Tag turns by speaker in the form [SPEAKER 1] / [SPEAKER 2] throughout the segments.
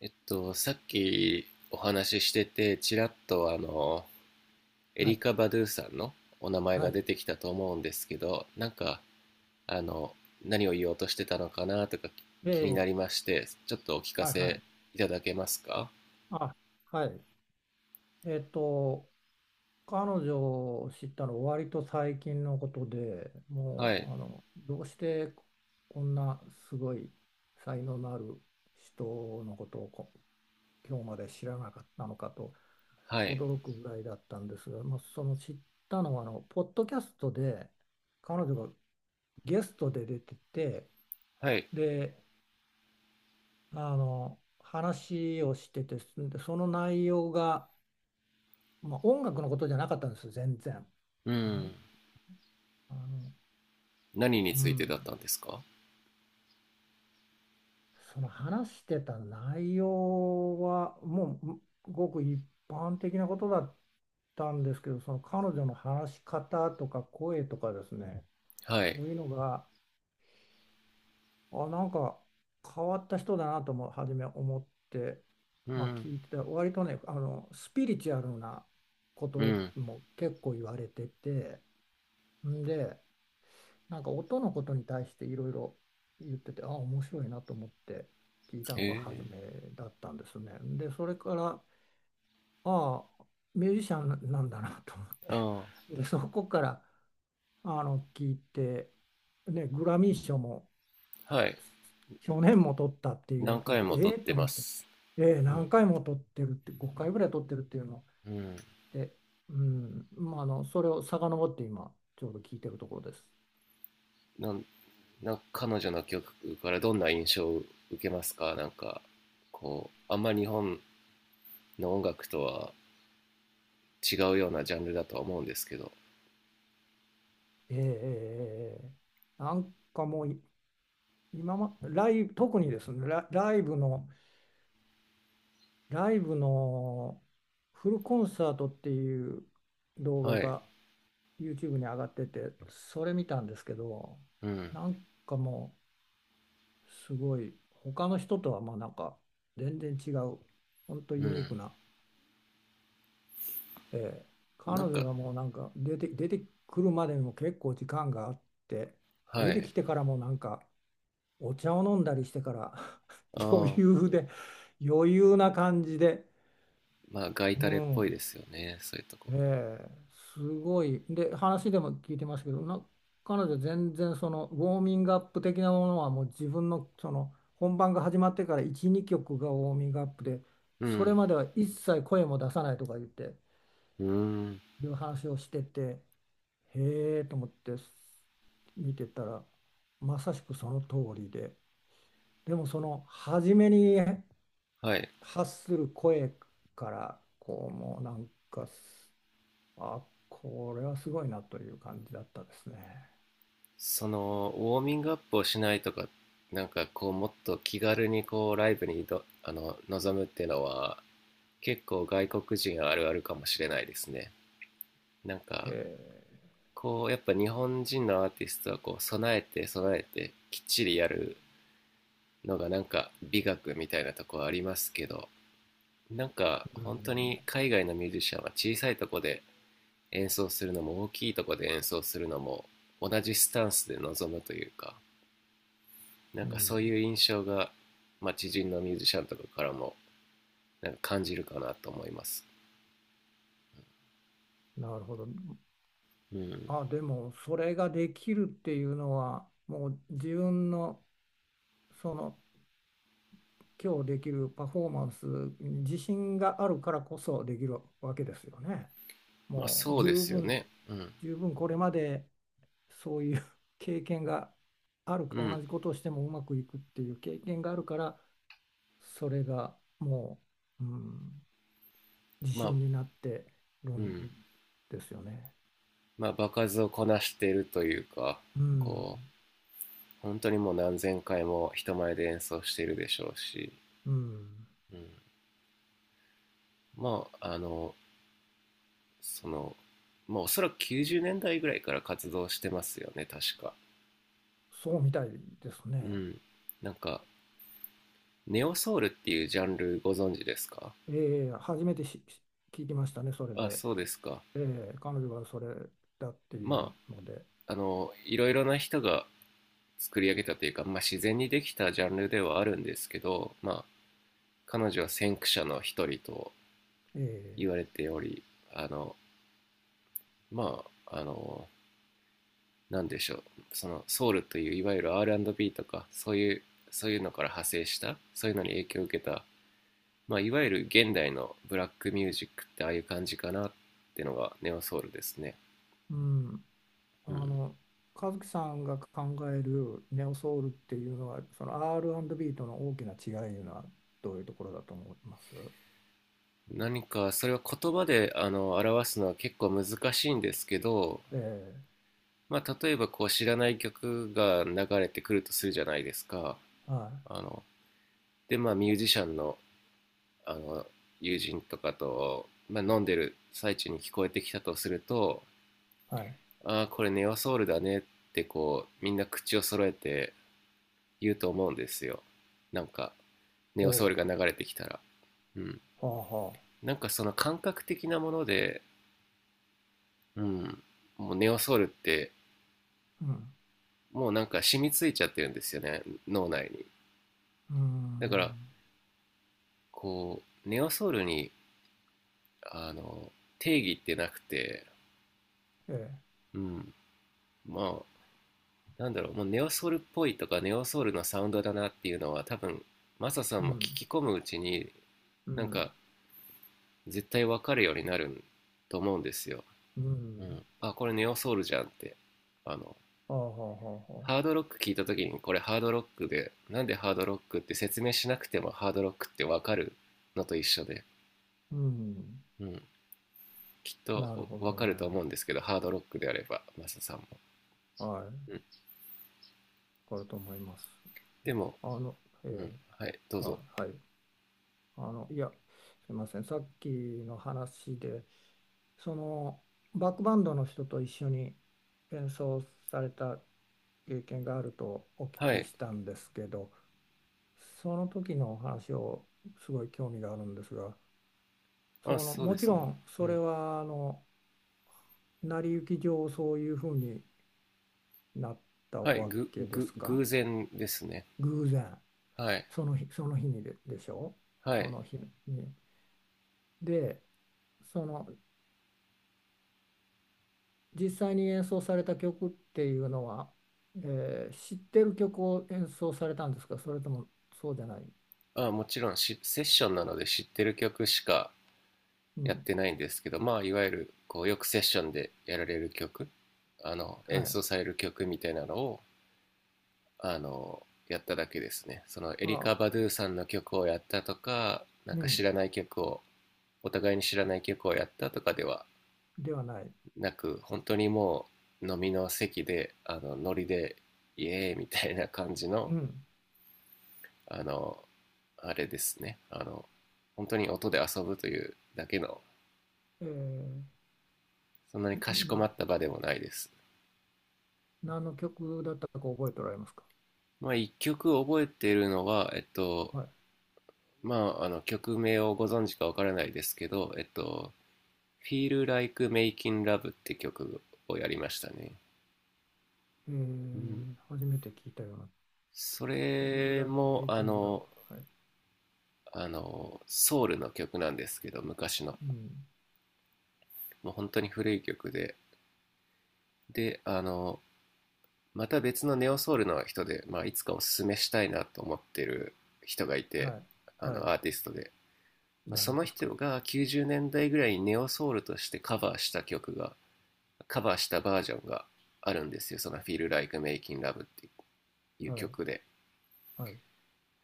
[SPEAKER 1] さっきお話ししてて、ちらっとエ
[SPEAKER 2] は
[SPEAKER 1] リ
[SPEAKER 2] い。
[SPEAKER 1] カ・バドゥさんのお名前
[SPEAKER 2] は
[SPEAKER 1] が
[SPEAKER 2] い。
[SPEAKER 1] 出てきたと思うんですけど、あの、何を言おうとしてたのかなとか
[SPEAKER 2] え
[SPEAKER 1] 気にな
[SPEAKER 2] え、
[SPEAKER 1] りまして、ちょっとお聞か
[SPEAKER 2] はいは
[SPEAKER 1] せ
[SPEAKER 2] い。
[SPEAKER 1] いただけますか？
[SPEAKER 2] あ、はい。えっと、彼女を知ったの割と最近のことで、も
[SPEAKER 1] は
[SPEAKER 2] う、
[SPEAKER 1] い、
[SPEAKER 2] どうしてこんなすごい才能のある人のことを今日まで知らなかったのかと
[SPEAKER 1] はい、
[SPEAKER 2] 驚くぐらいだったんですが、まあ、その知ったのは、ポッドキャストで彼女がゲストで出てて、
[SPEAKER 1] はい。
[SPEAKER 2] で、話をしててでその内容が、まあ、音楽のことじゃなかったんですよ全然。
[SPEAKER 1] う
[SPEAKER 2] あ
[SPEAKER 1] ん。
[SPEAKER 2] あの、
[SPEAKER 1] 何に
[SPEAKER 2] う
[SPEAKER 1] ついて
[SPEAKER 2] ん、
[SPEAKER 1] だったんですか？
[SPEAKER 2] その話してた内容はもうごく一般的なことだったんですけどその彼女の話し方とか声とかですね
[SPEAKER 1] はい。
[SPEAKER 2] そういうのがなんか変わった人だなとも初め思って、
[SPEAKER 1] う
[SPEAKER 2] まあ、
[SPEAKER 1] ん、
[SPEAKER 2] 聞いてた割とねスピリチュアルなこ
[SPEAKER 1] う
[SPEAKER 2] と
[SPEAKER 1] ん。
[SPEAKER 2] も結構言われててんでなんか音のことに対していろいろ言ってて面白いなと思って聞いた
[SPEAKER 1] へ
[SPEAKER 2] のが初
[SPEAKER 1] え。
[SPEAKER 2] めだったんですね。でそれからああミュージシャンなんだなと思っ
[SPEAKER 1] あ
[SPEAKER 2] てでそこから聞いて、ね、グラミー賞も
[SPEAKER 1] あ、はい。
[SPEAKER 2] 去年も取ったっていうのを
[SPEAKER 1] 何
[SPEAKER 2] 聞い
[SPEAKER 1] 回
[SPEAKER 2] て、
[SPEAKER 1] も撮っ
[SPEAKER 2] ええ
[SPEAKER 1] て
[SPEAKER 2] と
[SPEAKER 1] ま
[SPEAKER 2] 思って、
[SPEAKER 1] す。
[SPEAKER 2] ええ
[SPEAKER 1] うん、
[SPEAKER 2] 何回も取ってるって、5回ぐらい取ってるっていうのを
[SPEAKER 1] うん。
[SPEAKER 2] 聞いて、うん、まあ、それを遡って今、ちょうど聞いてるところです。
[SPEAKER 1] なんなんか彼女の曲からどんな印象を受けますか？なんかこうあんまり日本の音楽とは違うようなジャンルだとは思うんですけど。
[SPEAKER 2] えーえーえーえなんかもうい、今ま、ライブ、特にですね、ライブのフルコンサートっていう動
[SPEAKER 1] は
[SPEAKER 2] 画
[SPEAKER 1] い。
[SPEAKER 2] が YouTube に上がってて、それ見たんですけど、
[SPEAKER 1] うん、
[SPEAKER 2] なんかもう、すごい他の人とはまあなんか全然違う本当
[SPEAKER 1] う
[SPEAKER 2] ユニー
[SPEAKER 1] ん。
[SPEAKER 2] クな、ええ彼
[SPEAKER 1] なん
[SPEAKER 2] 女
[SPEAKER 1] か、
[SPEAKER 2] がもうなんか出てくるまでにも結構時間があって
[SPEAKER 1] は
[SPEAKER 2] 出て
[SPEAKER 1] い。
[SPEAKER 2] きてからもなんかお茶を飲んだりしてから 余
[SPEAKER 1] ああ。
[SPEAKER 2] 裕で余裕な感じで、
[SPEAKER 1] まあ、ガイ
[SPEAKER 2] う
[SPEAKER 1] タレっぽいで
[SPEAKER 2] ん、
[SPEAKER 1] すよね、そういうとこ。
[SPEAKER 2] ええ、すごい。で、話でも聞いてますけど、彼女全然そのウォーミングアップ的なものはもう自分のその本番が始まってから1、2曲がウォーミングアップで、
[SPEAKER 1] う
[SPEAKER 2] それ
[SPEAKER 1] ん、
[SPEAKER 2] までは一切声も出さないとか言って、
[SPEAKER 1] うん、
[SPEAKER 2] いう話をしてて、へえと思って見てたら、まさしくその通りで、でもその初めに
[SPEAKER 1] はい。
[SPEAKER 2] 発する声から、こうもうなんかあ、これはすごいなという感じだったですね。
[SPEAKER 1] そのウォーミングアップをしないとか、なんかこうもっと気軽にこうライブにどあの臨むっていうのは結構外国人あるあるかもしれないですね。なん
[SPEAKER 2] へ
[SPEAKER 1] か
[SPEAKER 2] え、
[SPEAKER 1] こうやっぱ日本人のアーティストはこう備えて備えてきっちりやるのがなんか美学みたいなとこありますけど、なんか
[SPEAKER 2] う
[SPEAKER 1] 本当
[SPEAKER 2] ん、
[SPEAKER 1] に海外のミュージシャンは小さいとこで演奏するのも大きいとこで演奏するのも同じスタンスで臨むというか、なん
[SPEAKER 2] う
[SPEAKER 1] かそう
[SPEAKER 2] ん、
[SPEAKER 1] いう印象が、まあ、知人のミュージシャンとかからもなんか感じるかなと思います。
[SPEAKER 2] なるほど。
[SPEAKER 1] うん。
[SPEAKER 2] あ、でもそれができるっていうのは、もう自分のその今日できるパフォーマンスに自信があるからこそできるわけですよね。
[SPEAKER 1] まあ、
[SPEAKER 2] もう
[SPEAKER 1] そう
[SPEAKER 2] 十
[SPEAKER 1] ですよ
[SPEAKER 2] 分、
[SPEAKER 1] ね。うん、
[SPEAKER 2] 十分これまでそういう 経験がある、
[SPEAKER 1] う
[SPEAKER 2] 同
[SPEAKER 1] ん。
[SPEAKER 2] じことをしてもうまくいくっていう経験があるから、それがもう、うん。自
[SPEAKER 1] まあ。
[SPEAKER 2] 信になってる
[SPEAKER 1] う
[SPEAKER 2] ん
[SPEAKER 1] ん。
[SPEAKER 2] ですよね。
[SPEAKER 1] まあ、場数をこなしているというか、
[SPEAKER 2] うん、
[SPEAKER 1] こう本当にもう何千回も人前で演奏しているでしょうし、
[SPEAKER 2] うん、
[SPEAKER 1] うん、まあそのまあおそらく90年代ぐらいから活動してますよね、確か。
[SPEAKER 2] そうみたいです
[SPEAKER 1] う
[SPEAKER 2] ね。
[SPEAKER 1] ん。なんかネオソウルっていうジャンルご存知ですか？
[SPEAKER 2] ええ、初めて聞きましたね、それ
[SPEAKER 1] あ、
[SPEAKER 2] で。
[SPEAKER 1] そうですか。
[SPEAKER 2] ええ、彼女はそれだってい
[SPEAKER 1] ま
[SPEAKER 2] うので。
[SPEAKER 1] あいろいろな人が作り上げたというか、まあ、自然にできたジャンルではあるんですけど、まあ、彼女は先駆者の一人と
[SPEAKER 2] ええ、
[SPEAKER 1] 言われており、あのまあ何でしょう、そのソウルといういわゆる R&B とかそういうのから派生したそういうのに影響を受けた、まあ、いわゆる現代のブラックミュージックってああいう感じかなってのがネオソウルですね。
[SPEAKER 2] うん、あ
[SPEAKER 1] うん、
[SPEAKER 2] の、和樹さんが考えるネオソウルっていうのは、その R&B との大きな違いいうのはどういうところだと思います？
[SPEAKER 1] 何かそれは言葉で表すのは結構難しいんですけど、
[SPEAKER 2] ええ、
[SPEAKER 1] まあ、例えばこう知らない曲が流れてくるとするじゃないですか。
[SPEAKER 2] は
[SPEAKER 1] あので、まあミュージシャンのあの友人とかと、まあ、飲んでる最中に聞こえてきたとすると
[SPEAKER 2] い、はい。
[SPEAKER 1] 「ああ、これネオソウルだね」ってこうみんな口を揃えて言うと思うんですよ、なんかネ
[SPEAKER 2] ほ
[SPEAKER 1] オソウルが流れてきたら。うん。
[SPEAKER 2] う、はあはあ。
[SPEAKER 1] なんかその感覚的なもので、うん、もうネオソウルって
[SPEAKER 2] うん、
[SPEAKER 1] もうなんか染みついちゃってるんですよね、脳内に。
[SPEAKER 2] うー
[SPEAKER 1] だから
[SPEAKER 2] ん、
[SPEAKER 1] こうネオソウルにあの定義ってなくて、
[SPEAKER 2] ええ。
[SPEAKER 1] うん、まあなんだろう、もうネオソウルっぽいとかネオソウルのサウンドだなっていうのは多分マサさん
[SPEAKER 2] う
[SPEAKER 1] も聞
[SPEAKER 2] ん、
[SPEAKER 1] き込むうちに
[SPEAKER 2] う
[SPEAKER 1] なん
[SPEAKER 2] ん、
[SPEAKER 1] か絶対わかるようになると思うんですよ。
[SPEAKER 2] う
[SPEAKER 1] う
[SPEAKER 2] ん。
[SPEAKER 1] ん、あ、これネオソウルじゃんって、あの
[SPEAKER 2] ああ、はあ、はあ、は
[SPEAKER 1] ハ
[SPEAKER 2] あ。
[SPEAKER 1] ードロック聞いた時にこれハードロックで、なんでハードロックって説明しなくてもハードロックってわかるのと一緒で、
[SPEAKER 2] うん。
[SPEAKER 1] うん、きっ
[SPEAKER 2] なる
[SPEAKER 1] と
[SPEAKER 2] ほ
[SPEAKER 1] わ
[SPEAKER 2] ど
[SPEAKER 1] か
[SPEAKER 2] ね。
[SPEAKER 1] ると思うんですけど、ハードロックであればマサさんも。
[SPEAKER 2] はい。
[SPEAKER 1] う
[SPEAKER 2] わ
[SPEAKER 1] ん。
[SPEAKER 2] かると思います。
[SPEAKER 1] でも、
[SPEAKER 2] あの、え
[SPEAKER 1] う
[SPEAKER 2] え、
[SPEAKER 1] ん、はい、どう
[SPEAKER 2] あ、
[SPEAKER 1] ぞ。
[SPEAKER 2] はい。いや、すいません。さっきの話で、その、バックバンドの人と一緒に演奏された経験があるとお聞
[SPEAKER 1] は
[SPEAKER 2] き
[SPEAKER 1] い、
[SPEAKER 2] したんですけど、その時のお話をすごい興味があるんですが、
[SPEAKER 1] あ、
[SPEAKER 2] その、
[SPEAKER 1] そう
[SPEAKER 2] も
[SPEAKER 1] で
[SPEAKER 2] ち
[SPEAKER 1] す
[SPEAKER 2] ろ
[SPEAKER 1] ね。
[SPEAKER 2] ん
[SPEAKER 1] う
[SPEAKER 2] それ
[SPEAKER 1] ん。
[SPEAKER 2] は、成り行き上そういうふうになった
[SPEAKER 1] はい、
[SPEAKER 2] わけですか？
[SPEAKER 1] 偶然ですね。
[SPEAKER 2] 偶然
[SPEAKER 1] はい。
[SPEAKER 2] その日その日にでしょ？
[SPEAKER 1] は
[SPEAKER 2] そ
[SPEAKER 1] い。
[SPEAKER 2] の日に。でその実際に演奏された曲っていうのは、知ってる曲を演奏されたんですか？それともそうじゃない、
[SPEAKER 1] あ、もちろんセッションなので知ってる曲しか
[SPEAKER 2] う
[SPEAKER 1] やっ
[SPEAKER 2] ん、
[SPEAKER 1] てないんですけど、まあ、いわゆる、こう、よくセッションでやられる曲、
[SPEAKER 2] は
[SPEAKER 1] 演
[SPEAKER 2] い。
[SPEAKER 1] 奏される曲みたいなのを、やっただけですね。その、エリカ・
[SPEAKER 2] あ、
[SPEAKER 1] バドゥさんの曲をやったとか、なん
[SPEAKER 2] う
[SPEAKER 1] か知
[SPEAKER 2] ん、
[SPEAKER 1] らない曲を、お互いに知らない曲をやったとかでは
[SPEAKER 2] ではない。
[SPEAKER 1] なく、本当にもう、飲みの席で、ノリで、イエーイみたいな感じの、
[SPEAKER 2] うん。
[SPEAKER 1] あの、あれですね。本当に音で遊ぶというだけの、
[SPEAKER 2] えー
[SPEAKER 1] そんなにかしこま
[SPEAKER 2] な、
[SPEAKER 1] った場でもないです。
[SPEAKER 2] 何の曲だったか覚えておられますか？
[SPEAKER 1] まあ、一曲覚えてるのは、
[SPEAKER 2] はい。
[SPEAKER 1] まあ、曲名をご存知かわからないですけど、Feel Like Making Love って曲をやりましたね。
[SPEAKER 2] え
[SPEAKER 1] うん、
[SPEAKER 2] ー初めて聞いたような
[SPEAKER 1] そ
[SPEAKER 2] feel
[SPEAKER 1] れ
[SPEAKER 2] like
[SPEAKER 1] も、
[SPEAKER 2] making love. はい。
[SPEAKER 1] ソウルの曲なんですけど、昔の。
[SPEAKER 2] うん。
[SPEAKER 1] もう本当に古い曲で。で、また別のネオソウルの人で、まあ、いつかおすすめしたいなと思ってる人がいて、
[SPEAKER 2] はい。はい。
[SPEAKER 1] アーティストで、まあ、そ
[SPEAKER 2] 誰
[SPEAKER 1] の
[SPEAKER 2] ですか？
[SPEAKER 1] 人が90年代ぐらいにネオソウルとしてカバーした曲が、カバーしたバージョンがあるんですよ、その「Feel Like Making Love」っていう
[SPEAKER 2] はい。
[SPEAKER 1] 曲で。
[SPEAKER 2] はい。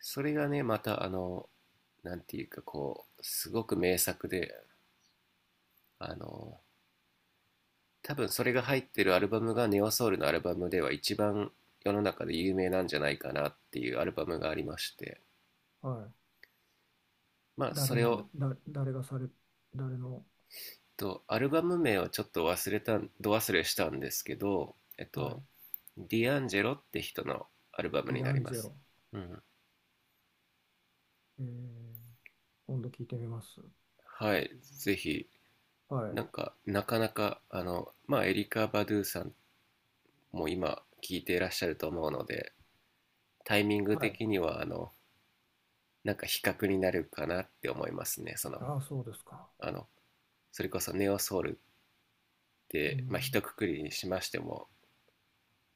[SPEAKER 1] それがね、またなんていうか、こうすごく名作で、あの多分それが入ってるアルバムがネオソウルのアルバムでは一番世の中で有名なんじゃないかなっていうアルバムがありまして、
[SPEAKER 2] はい。
[SPEAKER 1] まあ、そ
[SPEAKER 2] 誰
[SPEAKER 1] れ
[SPEAKER 2] なんで、
[SPEAKER 1] を、
[SPEAKER 2] だ、誰がされ、誰の、
[SPEAKER 1] アルバム名をちょっと忘れたど忘れしたんですけど、
[SPEAKER 2] はい。
[SPEAKER 1] ディアンジェロって人のアルバム
[SPEAKER 2] デ
[SPEAKER 1] に
[SPEAKER 2] ィ
[SPEAKER 1] な
[SPEAKER 2] ア
[SPEAKER 1] り
[SPEAKER 2] ン
[SPEAKER 1] ま
[SPEAKER 2] ジェ
[SPEAKER 1] す。
[SPEAKER 2] ロ。
[SPEAKER 1] うん。
[SPEAKER 2] えー、今度聞いてみます。
[SPEAKER 1] はい、ぜひ。
[SPEAKER 2] は
[SPEAKER 1] な
[SPEAKER 2] い。
[SPEAKER 1] んか、なかなか、まあ、エリカ・バドゥさんも今、聴いていらっしゃると思うので、タイミング
[SPEAKER 2] はい。
[SPEAKER 1] 的には、なんか比較になるかなって思いますね。その、
[SPEAKER 2] ああ、そうですか。
[SPEAKER 1] あの、それこそネオソウルっ
[SPEAKER 2] う
[SPEAKER 1] て、まあ、一
[SPEAKER 2] ん。
[SPEAKER 1] 括りにしましても、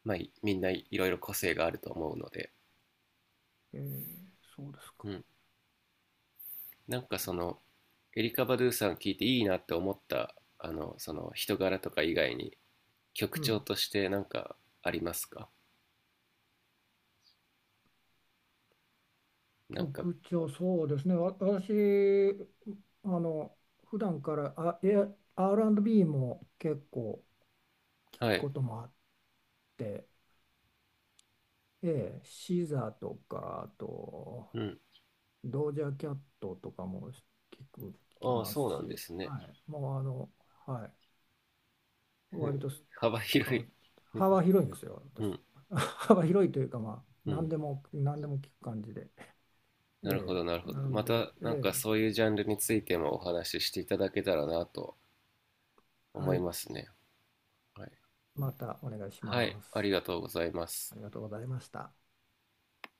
[SPEAKER 1] まあ、みんないろいろ個性があると思うので。
[SPEAKER 2] えー、そうですか。
[SPEAKER 1] うん。なん
[SPEAKER 2] は
[SPEAKER 1] か、
[SPEAKER 2] あ
[SPEAKER 1] そのエリカ・バドゥさん聞いていいなって思ったその人柄とか以外に、曲
[SPEAKER 2] う
[SPEAKER 1] 調
[SPEAKER 2] ん。
[SPEAKER 1] としてなんかありますか？なんか、
[SPEAKER 2] 曲調、そうですね。私、あの、普段から、R&B も結構聞く
[SPEAKER 1] はい。
[SPEAKER 2] こともあって、ええ、シザとか、あと、
[SPEAKER 1] うん。
[SPEAKER 2] ドージャーキャットとかもく、聞き
[SPEAKER 1] ああ、
[SPEAKER 2] ま
[SPEAKER 1] そ
[SPEAKER 2] す
[SPEAKER 1] うなんで
[SPEAKER 2] し、
[SPEAKER 1] すね。
[SPEAKER 2] はい、もうはい、割とすす
[SPEAKER 1] 幅
[SPEAKER 2] あ
[SPEAKER 1] 広
[SPEAKER 2] の
[SPEAKER 1] い
[SPEAKER 2] 幅広いんですよ、
[SPEAKER 1] う
[SPEAKER 2] 私。
[SPEAKER 1] ん、
[SPEAKER 2] 幅広いというか、まあ、
[SPEAKER 1] う
[SPEAKER 2] 何
[SPEAKER 1] ん。
[SPEAKER 2] でも、何でも聞く感じで。
[SPEAKER 1] なるほ
[SPEAKER 2] え
[SPEAKER 1] ど、なる
[SPEAKER 2] え、
[SPEAKER 1] ほど。
[SPEAKER 2] な
[SPEAKER 1] ま
[SPEAKER 2] んで、
[SPEAKER 1] た
[SPEAKER 2] え
[SPEAKER 1] なんか
[SPEAKER 2] え、
[SPEAKER 1] そういうジャンルについてもお話ししていただけたらなと思
[SPEAKER 2] は
[SPEAKER 1] い
[SPEAKER 2] い、
[SPEAKER 1] ますね。はい、
[SPEAKER 2] またお願いし
[SPEAKER 1] はい、
[SPEAKER 2] ま
[SPEAKER 1] あり
[SPEAKER 2] す。
[SPEAKER 1] がとうございま
[SPEAKER 2] あ
[SPEAKER 1] す
[SPEAKER 2] りがとうございました。